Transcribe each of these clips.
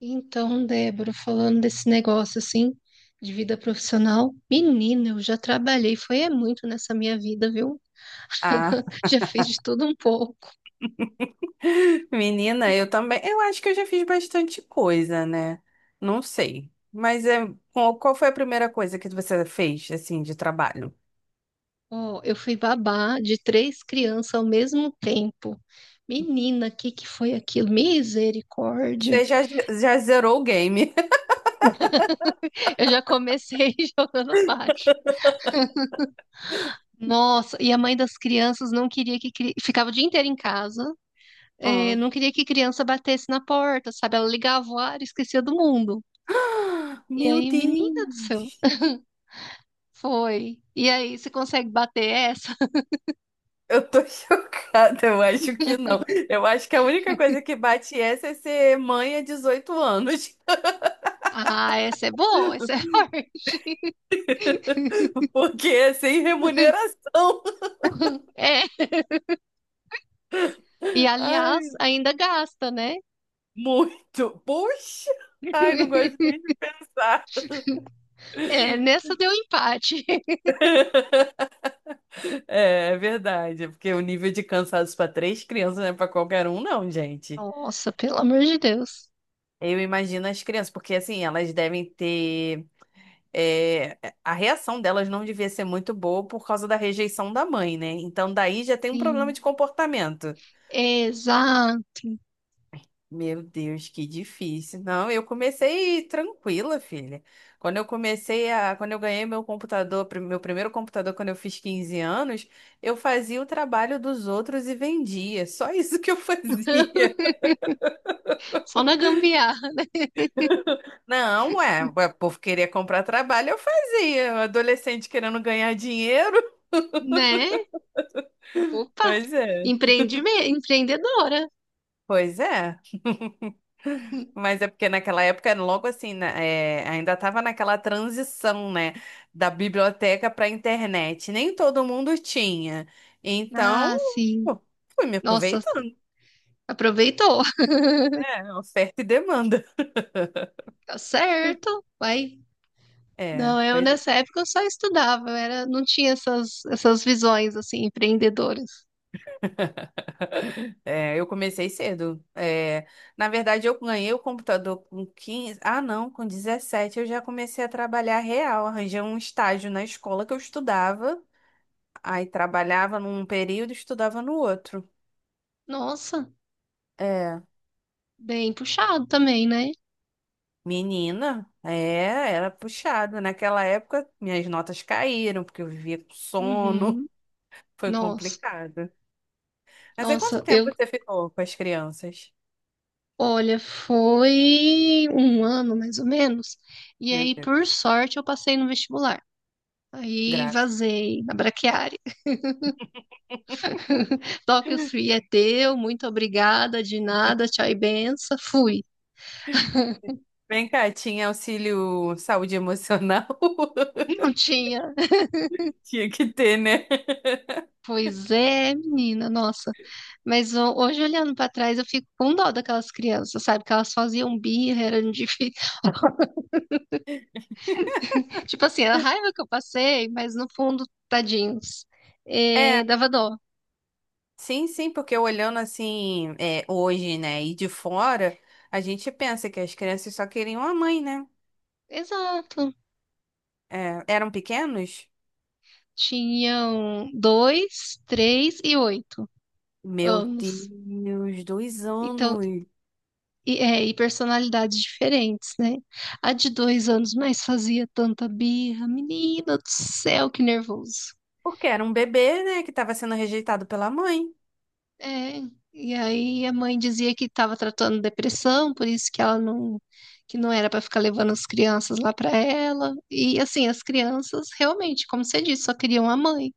Então, Débora, falando desse negócio assim, de vida profissional, menina, eu já trabalhei, foi é muito nessa minha vida, viu? Ah, Já fiz de tudo um pouco. menina, eu também. Eu acho que eu já fiz bastante coisa, né? Não sei. Mas qual foi a primeira coisa que você fez, assim, de trabalho? Ó, eu fui babá de três crianças ao mesmo tempo. Menina, o que que foi aquilo? Misericórdia! Você já zerou o game. Eu já comecei jogando baixo. Nossa, e a mãe das crianças não queria que ficava o dia inteiro em casa, Hum. não queria que criança batesse na porta, sabe? Ela ligava o ar e esquecia do mundo. E Meu aí, menina do céu, Deus! foi. E aí, você consegue bater essa? Eu tô chocada, eu acho que não. Eu acho que a única coisa que bate essa é ser mãe há 18 anos. Ah, essa é boa, essa é forte. Porque é sem remuneração. É. E aliás, Ai. ainda gasta, né? Muito. Puxa! Ai, não gosto nem de pensar. É, nessa deu empate. É, é verdade, porque o nível de cansaço para três crianças não é para qualquer um, não, gente. Nossa, pelo amor de Deus. Eu imagino as crianças, porque assim, elas devem ter. é, a reação delas não devia ser muito boa por causa da rejeição da mãe, né? Então, daí já tem um problema Sim. de comportamento. Exato. Meu Deus, que difícil. Não, eu comecei tranquila, filha. Quando eu ganhei meu computador, meu primeiro computador quando eu fiz 15 anos, eu fazia o trabalho dos outros e vendia. Só isso que eu fazia. Só na gambiarra, Não, o povo queria comprar trabalho, eu fazia. Adolescente querendo ganhar dinheiro. né? Opa, Pois é. Empreendedora. Pois é. Mas é porque naquela época, logo assim, né, ainda estava naquela transição, né, da biblioteca para a internet. Nem todo mundo tinha. Então, Ah, sim. pô, fui me Nossa, aproveitando, aproveitou. né? Oferta e demanda. Tá certo. Vai. É, Não, eu pois é. nessa época eu só estudava, eu era, não tinha essas, essas visões assim empreendedoras. É, eu comecei cedo. É, na verdade, eu ganhei o computador com 15. Ah, não, com 17 eu já comecei a trabalhar real. Arranjei um estágio na escola que eu estudava, aí trabalhava num período e estudava no outro. Nossa, É. bem puxado também, né? Menina, era puxado. Naquela época, minhas notas caíram, porque eu vivia com sono. Uhum. Foi Nossa, complicado. Mas aí, quanto nossa, eu, tempo você ficou com as crianças? olha, foi um ano mais ou menos. E Meu aí, por Deus, sorte, eu passei no vestibular. Aí graça. vazei na braquiária. Tóquio Free é teu, muito obrigada, de nada, tchau e benção. Fui. Vem cá, tinha auxílio saúde emocional? Não tinha. Tinha que ter, né? Pois é, menina, nossa. Mas hoje, olhando pra trás, eu fico com dó daquelas crianças, sabe? Que elas faziam birra, eram difíceis. Tipo assim, a raiva que eu passei, mas no fundo, tadinhos. É, É, dava dó. sim, sim, porque olhando assim, hoje, né, e de fora, a gente pensa que as crianças só queriam a mãe, né? Exato. É, eram pequenos? Tinham dois, três e oito Meu anos. Deus, dois Então, anos. e, é, e personalidades diferentes, né? A de 2 anos, mas fazia tanta birra. Menina do céu, que nervoso. Porque era um bebê, né, que estava sendo rejeitado pela mãe. É, e aí a mãe dizia que estava tratando depressão, por isso que ela não, que não era para ficar levando as crianças lá para ela. E assim, as crianças realmente, como você disse, só queriam a mãe.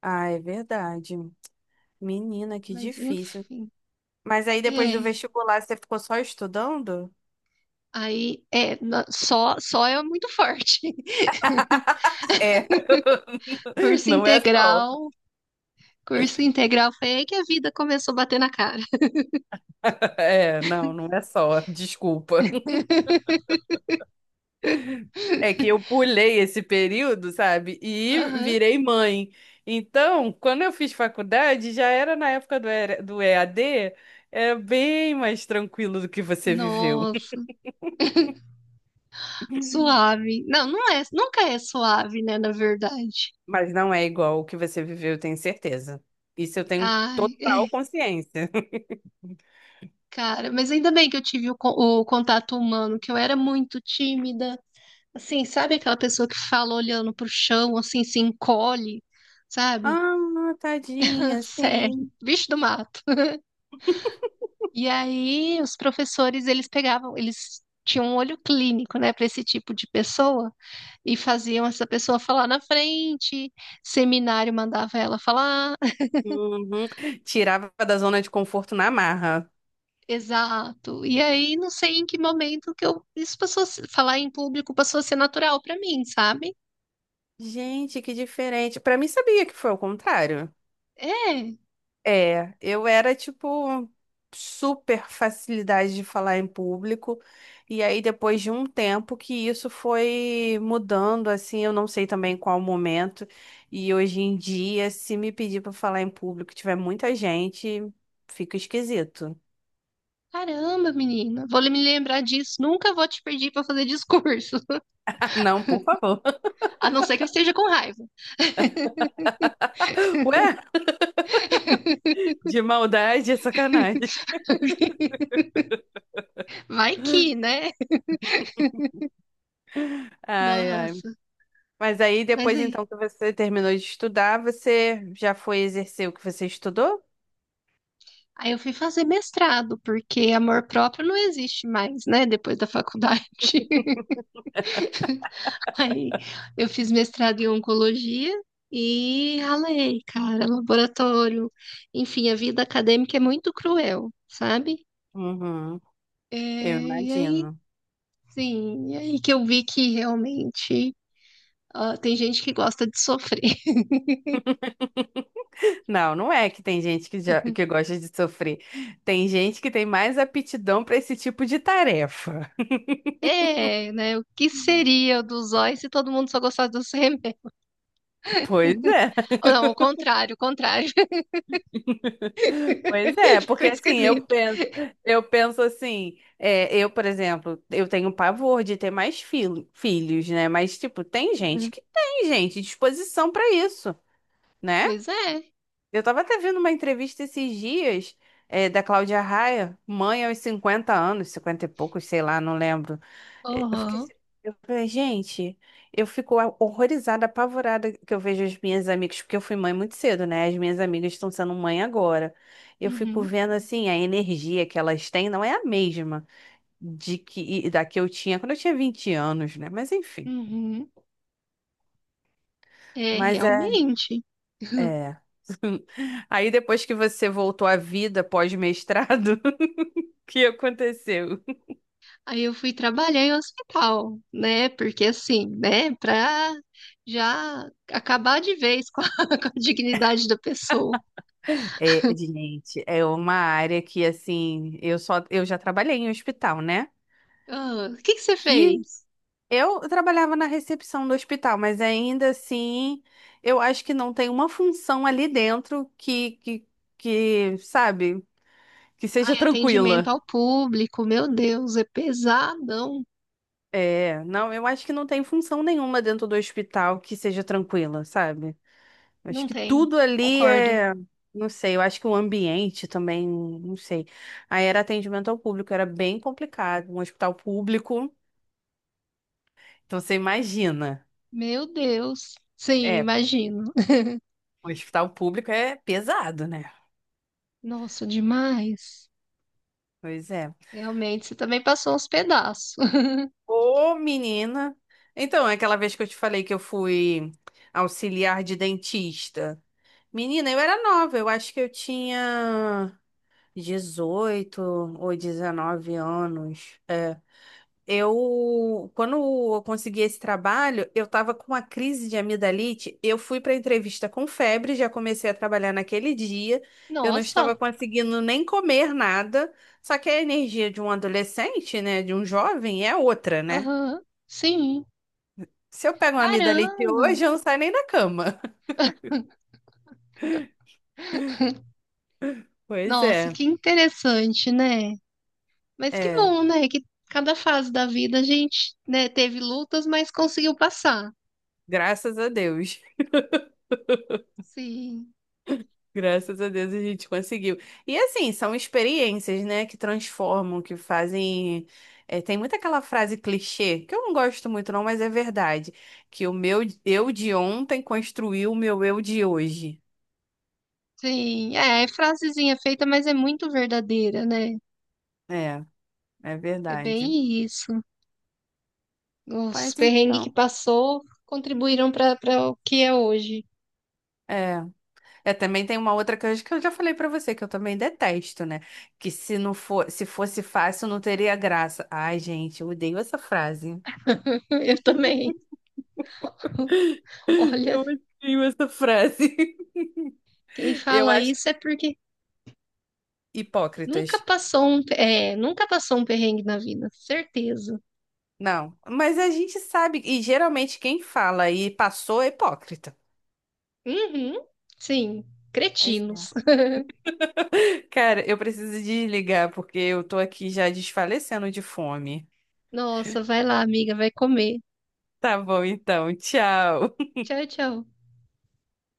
Ah, é verdade. Menina, que Mas difícil. enfim, Mas aí depois é, do vestibular você ficou só estudando? aí é só é muito forte. É, Curso não é só. integral, curso integral foi aí que a vida começou a bater na cara. É, não, não é só. Desculpa. É que eu pulei esse período, sabe? E Aham. virei mãe. Então, quando eu fiz faculdade, já era na época do ER do EAD, é bem mais tranquilo do que você viveu. Nossa, suave. Não, não é, nunca é suave, né, na verdade. Mas não é igual o que você viveu, eu tenho certeza. Isso eu tenho Ai, total é. consciência. Cara, mas ainda bem que eu tive o contato humano, que eu era muito tímida. Assim, sabe aquela pessoa que fala olhando pro chão, assim, se encolhe, sabe? Ah, tadinha, Sério, sim. bicho do mato. E aí, os professores, eles pegavam, eles tinham um olho clínico, né, para esse tipo de pessoa e faziam essa pessoa falar na frente, seminário mandava ela falar. Uhum. Tirava da zona de conforto na marra. Exato. E aí, não sei em que momento que eu, isso passou a falar em público passou a ser natural para mim, sabe? Gente, que diferente. Pra mim, sabia que foi o contrário. É, É, eu era tipo super facilidade de falar em público. E aí depois de um tempo que isso foi mudando, assim, eu não sei também qual momento. E hoje em dia, se me pedir para falar em público, e tiver muita gente, fica esquisito. caramba, menina. Vou me lembrar disso. Nunca vou te pedir pra fazer discurso. Ah, não, por favor. A não ser que eu esteja com raiva. Ué, de maldade, é sacanagem. Vai que, né? Ai, ai. Nossa. Mas aí Mas depois aí, então que você terminou de estudar, você já foi exercer o que você estudou? aí eu fui fazer mestrado, porque amor próprio não existe mais, né? Depois da faculdade. Aí eu fiz mestrado em oncologia e ralei, cara, laboratório. Enfim, a vida acadêmica é muito cruel, sabe? Uhum, É, eu e aí, imagino. sim, e aí que eu vi que realmente Ah, tem gente que gosta de sofrer. Não, não é que tem gente que, já, que gosta de sofrer. Tem gente que tem mais aptidão para esse tipo de tarefa. É, né? O que seria do Zói se todo mundo só gostasse dos remédios? Pois é, Ou não, o contrário, o contrário. pois é, Ficou porque assim, eu esquisito. penso, eu penso assim, eu, por exemplo, eu tenho pavor de ter mais filhos, né? Mas, tipo, tem gente que tem, gente, disposição para isso, né? Pois é. Eu tava até vendo uma entrevista esses dias, da Cláudia Raia, mãe aos 50 anos. 50 e poucos, sei lá, não lembro. Eh, Eu fiquei, Aham. assim- eu falei, gente, eu fico horrorizada, apavorada que eu vejo as minhas amigas, porque eu fui mãe muito cedo, né? As minhas amigas estão sendo mãe agora. Eu fico Uhum. vendo assim, a energia que elas têm não é a mesma de que e da que eu tinha quando eu tinha 20 anos, né? Mas enfim. Uhum. É, Mas é, realmente. é. Aí depois que você voltou à vida pós-mestrado, que aconteceu? Aí eu fui trabalhar em hospital, né? Porque assim, né? Pra já acabar de vez com a com a dignidade da pessoa. É, gente, é uma área que, assim, eu só, eu já trabalhei em hospital, né? Ah, o que que você Que fez? eu trabalhava na recepção do hospital, mas ainda assim, eu acho que não tem uma função ali dentro que, sabe, que seja Ai, atendimento tranquila. ao público, meu Deus, é pesadão. É, não, eu acho que não tem função nenhuma dentro do hospital que seja tranquila, sabe? Acho Não que tem, tudo ali concordo. é. Não sei, eu acho que o ambiente também, não sei. Aí era atendimento ao público, era bem complicado. Um hospital público, então você imagina. Meu Deus. Sim, É, imagino. um hospital público é pesado, né? Nossa, demais. Pois é. Realmente, você também passou uns pedaços. Ô, menina. Então, é aquela vez que eu te falei que eu fui auxiliar de dentista. Menina, eu era nova, eu acho que eu tinha 18 ou 19 anos. Quando eu consegui esse trabalho, eu estava com uma crise de amidalite. Eu fui para a entrevista com febre, já comecei a trabalhar naquele dia. Eu não estava Nossa, conseguindo nem comer nada. Só que a energia de um adolescente, né, de um jovem, é outra, né? aham, sim. Se eu pego uma amidalite Caramba, hoje, eu não saio nem da cama. Pois nossa, é, que interessante, né? Mas que é, bom, né? Que cada fase da vida a gente, né, teve lutas, mas conseguiu passar. graças a Deus. Sim, Graças a Deus a gente conseguiu. E assim, são experiências, né, que transformam, que fazem. Tem muito aquela frase clichê, que eu não gosto muito, não, mas é verdade. Que o meu eu de ontem construiu o meu eu de hoje. sim. É, é frasezinha feita, mas é muito verdadeira, né? É, é É verdade. bem isso. Mas Os perrengues que então. passou contribuíram para o que é hoje. É. É, também tem uma outra coisa que eu já falei pra você, que eu também detesto, né? Que se fosse fácil, não teria graça. Ai, gente, eu odeio essa frase. Eu também. Eu Olha, odeio essa frase. quem Eu fala acho. isso é porque Hipócritas. nunca passou um, é, nunca passou um perrengue na vida, certeza. Não, mas a gente sabe, e geralmente quem fala e passou é hipócrita. Uhum, sim, Pois é. cretinos. Cara, eu preciso desligar porque eu tô aqui já desfalecendo de fome. Nossa, vai lá, amiga, vai comer. Tá bom, então, tchau. Tchau, tchau.